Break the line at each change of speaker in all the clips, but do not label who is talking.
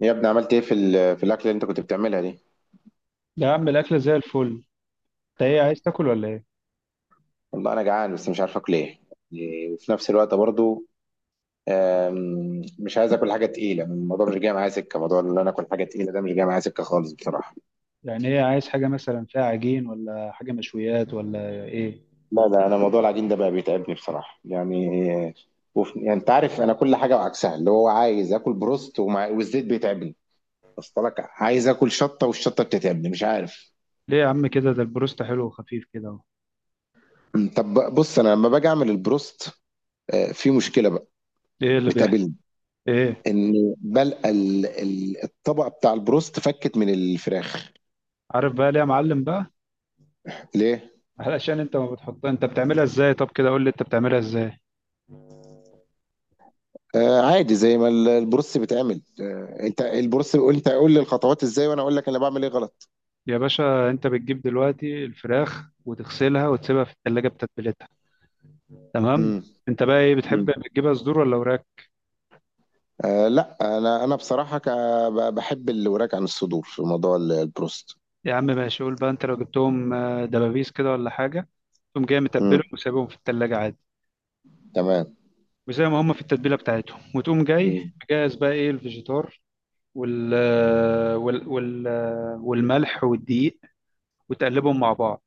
يا ابني عملت ايه في الاكل اللي انت كنت بتعملها دي؟
يا عم الأكلة زي الفل. انت ايه عايز تاكل ولا ايه؟
والله انا جعان بس مش عارف اكل ايه. يعني وفي نفس الوقت برضو مش عايز اكل حاجه تقيله، الموضوع مش جاي معايا سكه. موضوع ان انا اكل حاجه تقيله ده مش جاي معايا سكه خالص بصراحه.
يعني ايه، عايز حاجة مثلا فيها عجين ولا حاجة مشويات ولا ايه؟
لا لا، انا موضوع العجين ده بقى بيتعبني بصراحه يعني. يعني انت عارف انا كل حاجه وعكسها، اللي هو عايز اكل بروست والزيت بيتعبني. اصل لك عايز اكل شطه والشطه بتتعبني، مش عارف.
ليه يا عم كده، ده البروست حلو وخفيف كده اهو.
طب بص، انا لما باجي اعمل البروست في مشكله بقى
ايه اللي بيحصل؟
بتقابلني.
ايه؟
ان بلقى الطبقه بتاع البروست فكت من الفراخ.
عارف بقى ليه يا معلم بقى؟
ليه؟
علشان انت ما بتحطها، انت بتعملها ازاي؟ طب كده قول لي انت بتعملها ازاي.
عادي زي ما البروست بيتعمل. انت البروست بيقول، انت قول لي الخطوات ازاي وانا اقول لك انا بعمل ايه غلط.
يا باشا انت بتجيب دلوقتي الفراخ وتغسلها وتسيبها في التلاجة بتتبيلتها. تمام.
امم.
انت بقى ايه بتحب، بتجيبها صدور ولا وراك؟
لا، انا بصراحه بحب الوراك عن الصدور في موضوع البروست.
يا عم ماشي، قول بقى انت لو جبتهم دبابيس كده ولا حاجة. تقوم جاي متبلهم
امم.
وسايبهم في التلاجة عادي.
تمام.
وزي ما هم في التتبيله بتاعتهم وتقوم جاي
مم.
مجهز بقى ايه الفيجيتار وال وال والملح والدقيق وتقلبهم مع بعض.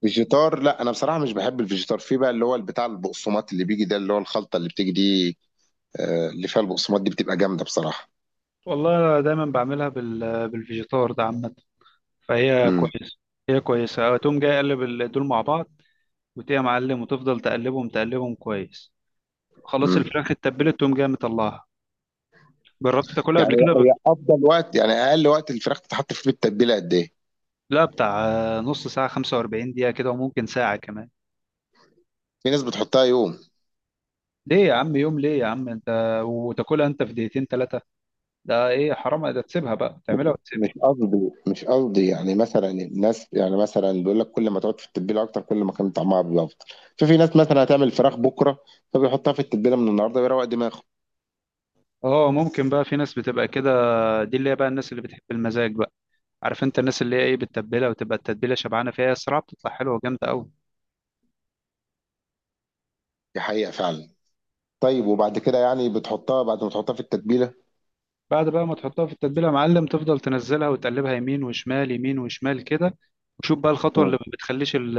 فيجيتار، لا انا بصراحه مش بحب الفيجيتار. في بقى اللي هو بتاع البقسماط اللي بيجي ده، اللي هو الخلطه اللي بتيجي دي، اللي فيها البقسماط، دي بتبقى جامده بصراحه.
والله أنا دايما بعملها بال بالفيجيتار ده، عامه فهي كويسه. هي كويسه. تقوم جاي قلب دول مع بعض، وتقوم معلم وتفضل تقلبهم تقلبهم كويس. خلاص
امم.
الفراخ اتبلت، تقوم جاي مطلعها. جربت تاكلها قبل
يعني
كده
هي افضل وقت، يعني اقل وقت الفراخ تتحط فيه التتبيله قد ايه؟
لا بتاع نص ساعه، 45 دقيقه كده وممكن ساعه كمان.
في ناس بتحطها يوم.
ليه يا عم يوم؟ ليه يا عم انت؟ وتاكلها انت في دقيقتين ثلاثه؟ ده ايه، حرام ده، تسيبها بقى
مش
تعملها وتسيبها.
مش قصدي مش قصدي يعني، مثلا الناس يعني مثلا بيقول لك كل ما تقعد في التتبيله اكتر، كل ما كان طعمها بيبقى افضل. ففي ناس مثلا هتعمل فراخ بكره، فبيحطها في التتبيله من النهارده ويروق دماغه.
اه ممكن بقى، في ناس بتبقى كده. دي اللي هي بقى الناس اللي بتحب المزاج بقى. عارف انت الناس اللي هي ايه، بتتبلها وتبقى التتبيله شبعانه فيها، الصراحه بتطلع حلوه وجامده قوي.
دي حقيقه فعلا. طيب وبعد كده يعني بتحطها، بعد ما تحطها في التتبيله.
بعد بقى ما تحطها في التتبيله يا معلم، تفضل تنزلها وتقلبها يمين وشمال، يمين وشمال كده. وشوف بقى الخطوه اللي
مم.
ما بتخليش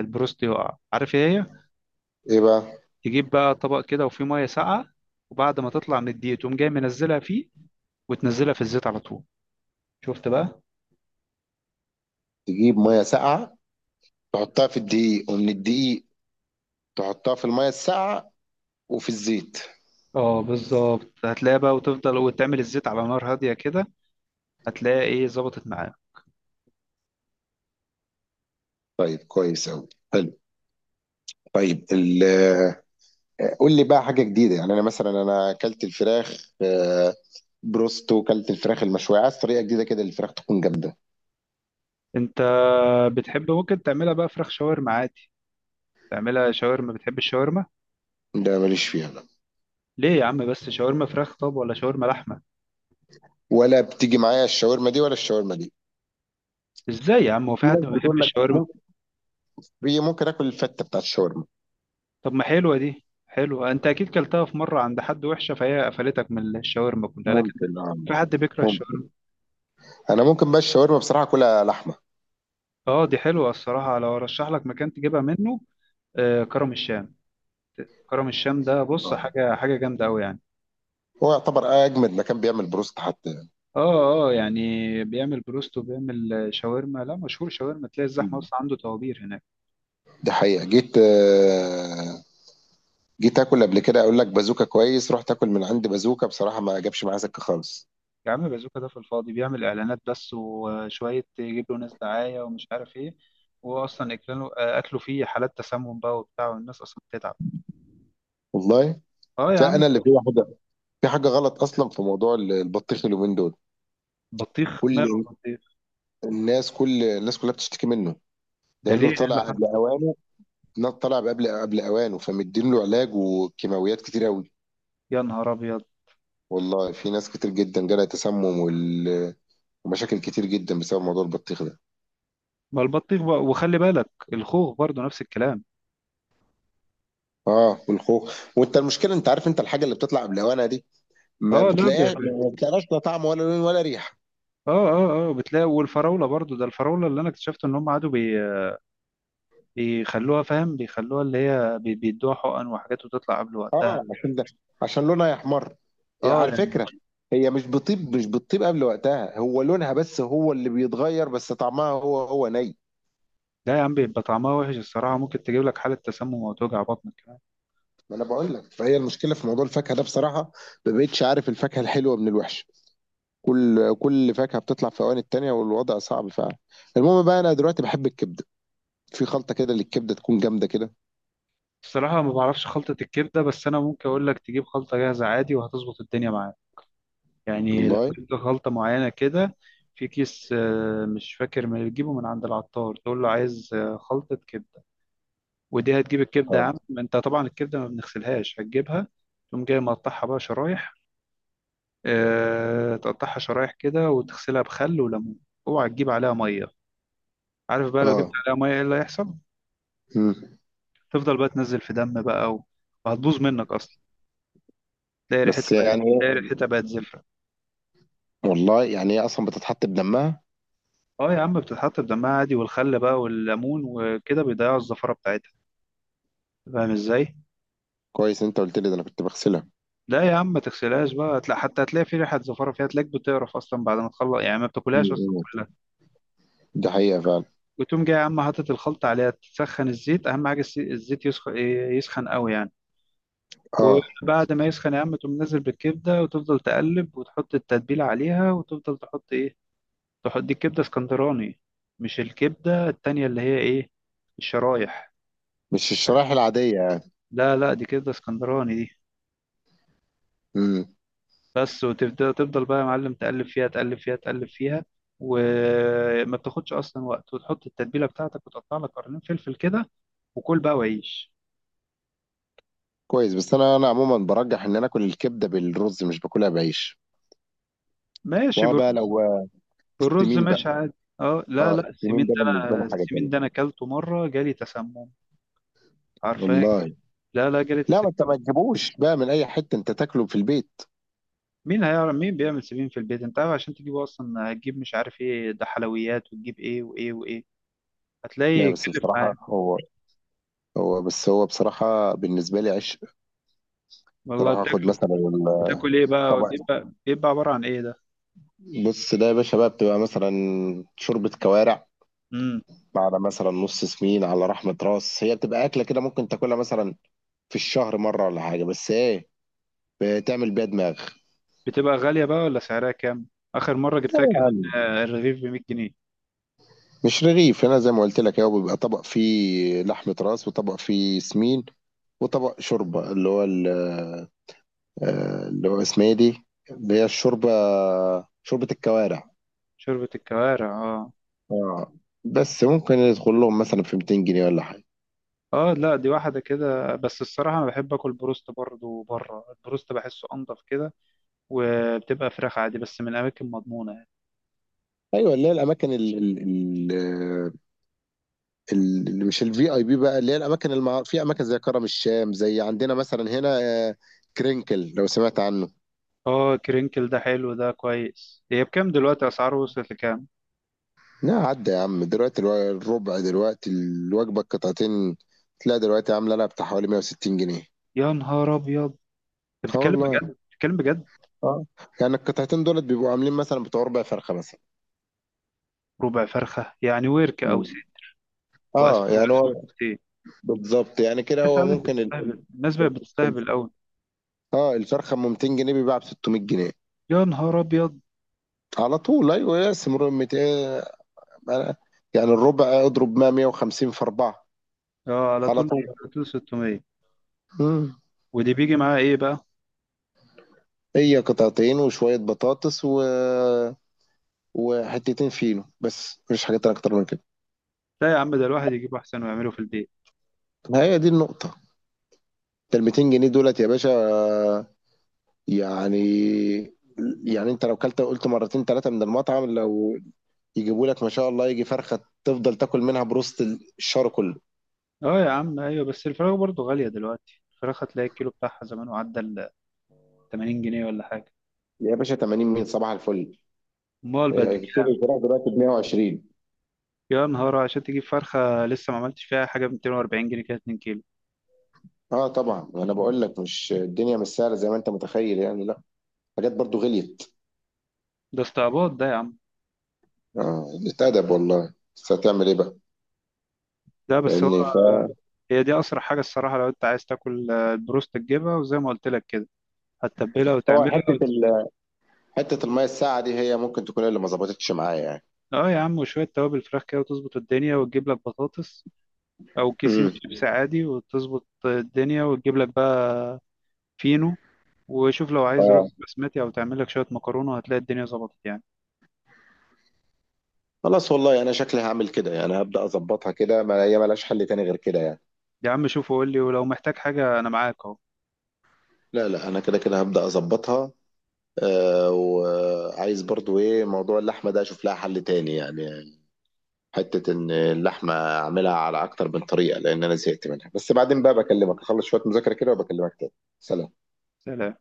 البروست يقع، عارف ايه هي؟
ايه بقى؟
تجيب بقى طبق كده وفيه ميه ساقعه، وبعد ما تطلع من الدقيق تقوم جاي منزلها فيه، وتنزلها في الزيت على طول. شفت بقى؟
تجيب ميه ساقعه، تحطها في الدقيق، ومن الدقيق تحطها في الميه الساقعه، وفي الزيت.
اه بالظبط، هتلاقيها بقى، وتفضل وتعمل الزيت على نار هادية كده. هتلاقيها ايه، ظبطت معاها.
طيب، كويس قوي، حلو. طيب قول لي بقى حاجة جديدة. يعني أنا مثلا أنا أكلت الفراخ بروستو، أكلت الفراخ المشوية، عايز طريقة جديدة كده الفراخ تكون جامدة.
انت بتحب ممكن تعملها بقى فراخ شاورما عادي، تعملها شاورما. بتحب الشاورما؟
ده ماليش فيها، لا.
ليه يا عم بس، شاورما فراخ طب ولا شاورما لحمة؟
ولا بتيجي معايا الشاورما دي، ولا الشاورما دي.
ازاي يا عم، هو في
في
حد
ناس
ما بيحبش
بتقول لك
الشاورما؟
ممكن، في ممكن آكل الفتة بتاعت الشاورما.
طب ما حلوة، دي حلوة، انت اكيد كلتها في مرة عند حد وحشة فهي قفلتك من الشاورما كلها، لكن
ممكن آه.
في حد بيكره
ممكن.
الشاورما؟
أنا ممكن بقى الشاورما بصراحة أكلها لحمة.
اه دي حلوة الصراحة، لو ارشح لك مكان تجيبها منه، آه كرم الشام. كرم الشام ده بص
آه.
حاجة، حاجة جامدة قوي يعني.
هو يعتبر أجمد مكان بيعمل بروست حتى.
اه. اه يعني بيعمل بروست وبيعمل شاورما، لا مشهور شاورما، تلاقي الزحمه اصلا عنده، طوابير هناك.
دي حقيقة. جيت آكل قبل كده، أقول لك بازوكا كويس، رحت آكل من عند بازوكا بصراحة ما جابش معايا سكة خالص.
يا عم بازوكا ده في الفاضي بيعمل اعلانات بس، وشويه يجيب له ناس دعايه ومش عارف ايه. هو اصلا اكله، اكله فيه حالات تسمم بقى وبتاع، والناس اصلا بتتعب.
والله.
اه يا
لا
عم.
انا اللي في حاجه غلط اصلا في موضوع البطيخ اليومين دول.
بطيخ، ماله
كل
البطيخ؟
كل الناس كلها بتشتكي منه.
ده ليه،
لانه
ايه اللي
طلع
حصل؟
قبل اوانه. لا، طلع قبل اوانه، فمدين له علاج وكيماويات كتير قوي.
يا نهار ابيض.
والله في ناس كتير جدا جالها تسمم ومشاكل كتير جدا بسبب موضوع البطيخ ده.
ما البطيخ بقى، وخلي بالك الخوخ برضو نفس الكلام.
اه، والخوخ. وانت المشكله، انت عارف، انت الحاجه اللي بتطلع قبل اوانها دي ما
اه لا ب-
بتلاقيهاش،
اه
ما بتلاقيهاش لا طعم ولا لون ولا ريحه.
اه اه بتلاقي، والفراوله برضو، ده الفراوله اللي انا اكتشفت ان هم قعدوا بيخلوها، فاهم، بيخلوها اللي هي بيدوها حقن وحاجات وتطلع قبل وقتها.
اه، عشان لونها يحمر، يعني
اه
على
يعني.
فكرة. هي مش بتطيب قبل وقتها، هو لونها بس هو اللي بيتغير، بس طعمها هو.
لا يا عم، بيبقى طعمها وحش الصراحة، ممكن تجيب لك حالة تسمم وتوجع بطنك كمان.
ما انا بقول لك، فهي المشكلة في موضوع الفاكهة ده بصراحة. ما بقتش عارف الفاكهة الحلوة من الوحشة. كل فاكهة بتطلع في اوان التانية، والوضع صعب فعلا. المهم بقى انا دلوقتي بحب الكبدة. في خلطة كده للكبدة تكون جامدة كده؟
الصراحة ما بعرفش خلطة الكبدة، بس أنا ممكن أقول لك تجيب خلطة جاهزة عادي وهتظبط الدنيا معاك. يعني لو
والله.
جبت خلطة معينة كده في كيس، مش فاكر، من تجيبه من عند العطار، تقول له عايز خلطة كبدة. ودي هتجيب الكبدة يا
اه.
عم، أنت طبعا الكبدة ما بنغسلهاش، هتجيبها تقوم جاي مقطعها بقى شرايح. تقطعها شرايح كده وتغسلها بخل وليمون، اوعى تجيب عليها ميه. عارف بقى لو جبت
اه.
عليها ميه ايه اللي هيحصل؟
مم.
تفضل بقى تنزل في دم بقى وهتبوظ منك اصلا،
بس يعني
تلاقي ريحتها بقت زفره.
والله يعني هي اصلا بتتحط بدمها.
اه يا عم بتتحط بدمها عادي، والخل بقى والليمون وكده بيضيعوا الزفره بتاعتها، فاهم ازاي.
كويس انت قلت لي ده، انا كنت بغسلها.
لا يا عم ما تغسلهاش بقى، هتلاقي حتى هتلاقي في ريحه زفره فيها، تلاقيك بتقرف اصلا بعد ما تخلص يعني، ما بتاكلهاش اصلا
مم.
كلها.
دي حقيقة فعلا.
وتقوم جاي يا عم حاطط الخلطه عليها، تسخن الزيت، اهم حاجه الزيت يسخن، يسخن قوي يعني.
اه،
وبعد ما يسخن يا عم، تقوم نازل بالكبدة وتفضل تقلب وتحط التتبيلة عليها، وتفضل تحط ايه، تحط دي الكبدة اسكندراني، مش الكبدة التانية اللي هي ايه، الشرايح.
مش الشرايح العادية؟
لا لا دي كبدة اسكندراني دي.
امم.
بس وتفضل، تفضل بقى يا معلم تقلب فيها تقلب فيها تقلب فيها، وما بتاخدش اصلا وقت، وتحط التتبيلة بتاعتك وتقطع لك قرنين فلفل كده، وكل بقى وعيش.
كويس. بس انا عموما برجح ان انا اكل الكبدة بالرز، مش باكلها بعيش.
ماشي
وبقى
بالرز،
لو
بالرز
السمين بقى.
ماشي عادي. اه لا
اه،
لا، السمين
السمين ده
ده
بالنسبة
انا،
لي حاجة
السمين
تانية.
ده انا اكلته مرة جالي تسمم. عارفاك.
والله.
لا لا جريت
لا، ما انت
السكة.
ما تجيبوش بقى من اي حتة، انت تاكله في البيت.
مين هيعرف مين بيعمل سمين في البيت؟ انت عارف عشان تجيبه اصلا، هتجيب مش عارف ايه ده، حلويات، وتجيب ايه وايه وايه، هتلاقي
لا، بس
يكلف
بصراحة
معاك.
هو بصراحة بالنسبة لي عشق.
والله
بصراحة اخد
بتاكل،
مثلا
بتاكل ايه بقى؟
طبق.
بيبقى عبارة عن ايه ده؟
بص ده يا باشا، بقى بتبقى مثلا شوربة كوارع
امم.
على مثلا نص سمين على رحمة راس، هي بتبقى أكلة كده ممكن تاكلها مثلا في الشهر مره ولا حاجه، بس ايه، بتعمل بيها دماغ.
بتبقى غالية بقى ولا سعرها كام؟ اخر مرة جبتها كان،
يعني
الرغيف ب 100 جنيه.
مش رغيف هنا زي ما قلت لك، هو بيبقى طبق فيه لحمه راس، وطبق فيه سمين، وطبق شوربه اللي هو اللي هو اسمها ايه دي، اللي هي الشوربه، شوربه الكوارع.
شوربة الكوارع، اه.
اه. بس ممكن يدخل لهم مثلا في 200 جنيه ولا حاجه.
اه لا دي واحدة كده، بس الصراحة انا بحب اكل بروست برضه بره، البروست بحسه انضف كده، وبتبقى فراخ عادي بس من اماكن مضمونة.
ايوه اللي هي الاماكن ال- ال- ال- ال- اللي مش الفي اي بي بقى، اللي هي في اماكن زي كرم الشام، زي عندنا مثلا هنا آه، كرينكل، لو سمعت عنه.
اه كرينكل ده حلو، ده كويس. هي بكام دلوقتي، اسعاره وصلت لكام؟
لا، عدى يا عم، دلوقتي الربع، دلوقتي الوجبة، القطعتين تلاقي دلوقتي عاملة لها بتاع حوالي 160 جنيه.
يا نهار ابيض. انت
اه.
بتتكلم
والله.
بجد، بتتكلم بجد؟
اه، يعني القطعتين دولت بيبقوا عاملين مثلا بتوع ربع فرخة مثلا.
ربع فرخه يعني ورك او
مم.
سي.
اه
واسمه،
يعني
واسمه
هو
سي.
بالظبط، يعني كده
الناس
هو
عادة
ممكن
بتستهبل، الناس
ال...
بقت
ال-
بتستهبل قوي.
اه الفرخة ب 200 جنيه بيباع ب 600 جنيه.
يا نهار ابيض.
على طول. ايوه يا سمر، 200، يعني الربع، اضرب 100، 150 في اربعة.
اه على
على
طول،
طول.
على طول 600.
مم.
ودي بيجي معاها ايه بقى؟
هي قطعتين وشوية بطاطس، و وحتتين فينو، بس مفيش حاجات تانية اكتر من كده.
لا يا عم ده الواحد يجيب احسن ويعمله في البيت.
ما هي دي النقطة، انت ال 200 جنيه دولت يا باشا. يعني يعني انت لو كلت قلت مرتين ثلاثة من المطعم، لو يجيبوا لك ما شاء الله يجي فرخة، تفضل تاكل منها بروست الشهر كله.
اه يا عم ايوه، بس الفراخ برضه غاليه دلوقتي، الفراخ هتلاقي الكيلو بتاعها زمان وعدى ال 80 جنيه ولا حاجه.
يا باشا 80 مين؟ صباح الفل.
امال بقت
كيلو
بكام؟
الفراخ دلوقتي ب 120.
يا نهار، عشان تجيب فرخة لسه ما عملتش فيها حاجة ب 240 جنيه كده، 2 كيلو.
اه طبعا، انا بقول لك مش الدنيا مش سهلة زي ما انت متخيل، يعني لا، حاجات برضو غليت.
ده استعباط ده يا عم.
اه، اتأدب والله، بس هتعمل ايه بقى،
ده بس هو.
فاهمني.
هي دي أسرع حاجة الصراحة، لو أنت عايز تاكل البروست، تجيبها وزي ما قلت لك كده، هتتبلها
فهو
وتعملها
حتة ال حتة المية الساقعة دي هي ممكن تكون اللي ما ظبطتش معايا يعني.
اه يا عم، وشوية توابل فراخ كده، وتظبط الدنيا وتجيب لك بطاطس أو كيسين
امم.
شيبس عادي، وتظبط الدنيا وتجيب لك بقى فينو. وشوف لو عايز
اه.
رز بسمتي أو تعمل لك شوية مكرونة هتلاقي الدنيا ظبطت يعني.
خلاص والله، انا شكلي هعمل كده يعني، هبدأ اظبطها كده، ما هي ملهاش حل تاني غير كده يعني.
يا عم شوف وقول لي، ولو محتاج حاجة أنا معاك أهو.
لا لا، انا كده كده هبدأ اظبطها. وعايز برضو ايه موضوع اللحمة ده، اشوف لها حل تاني يعني، حتة ان اللحمة اعملها على اكتر من طريقة لان انا زهقت منها. بس بعدين بقى بكلمك، اخلص شوية مذاكرة كده وبكلمك تاني. سلام.
سلام.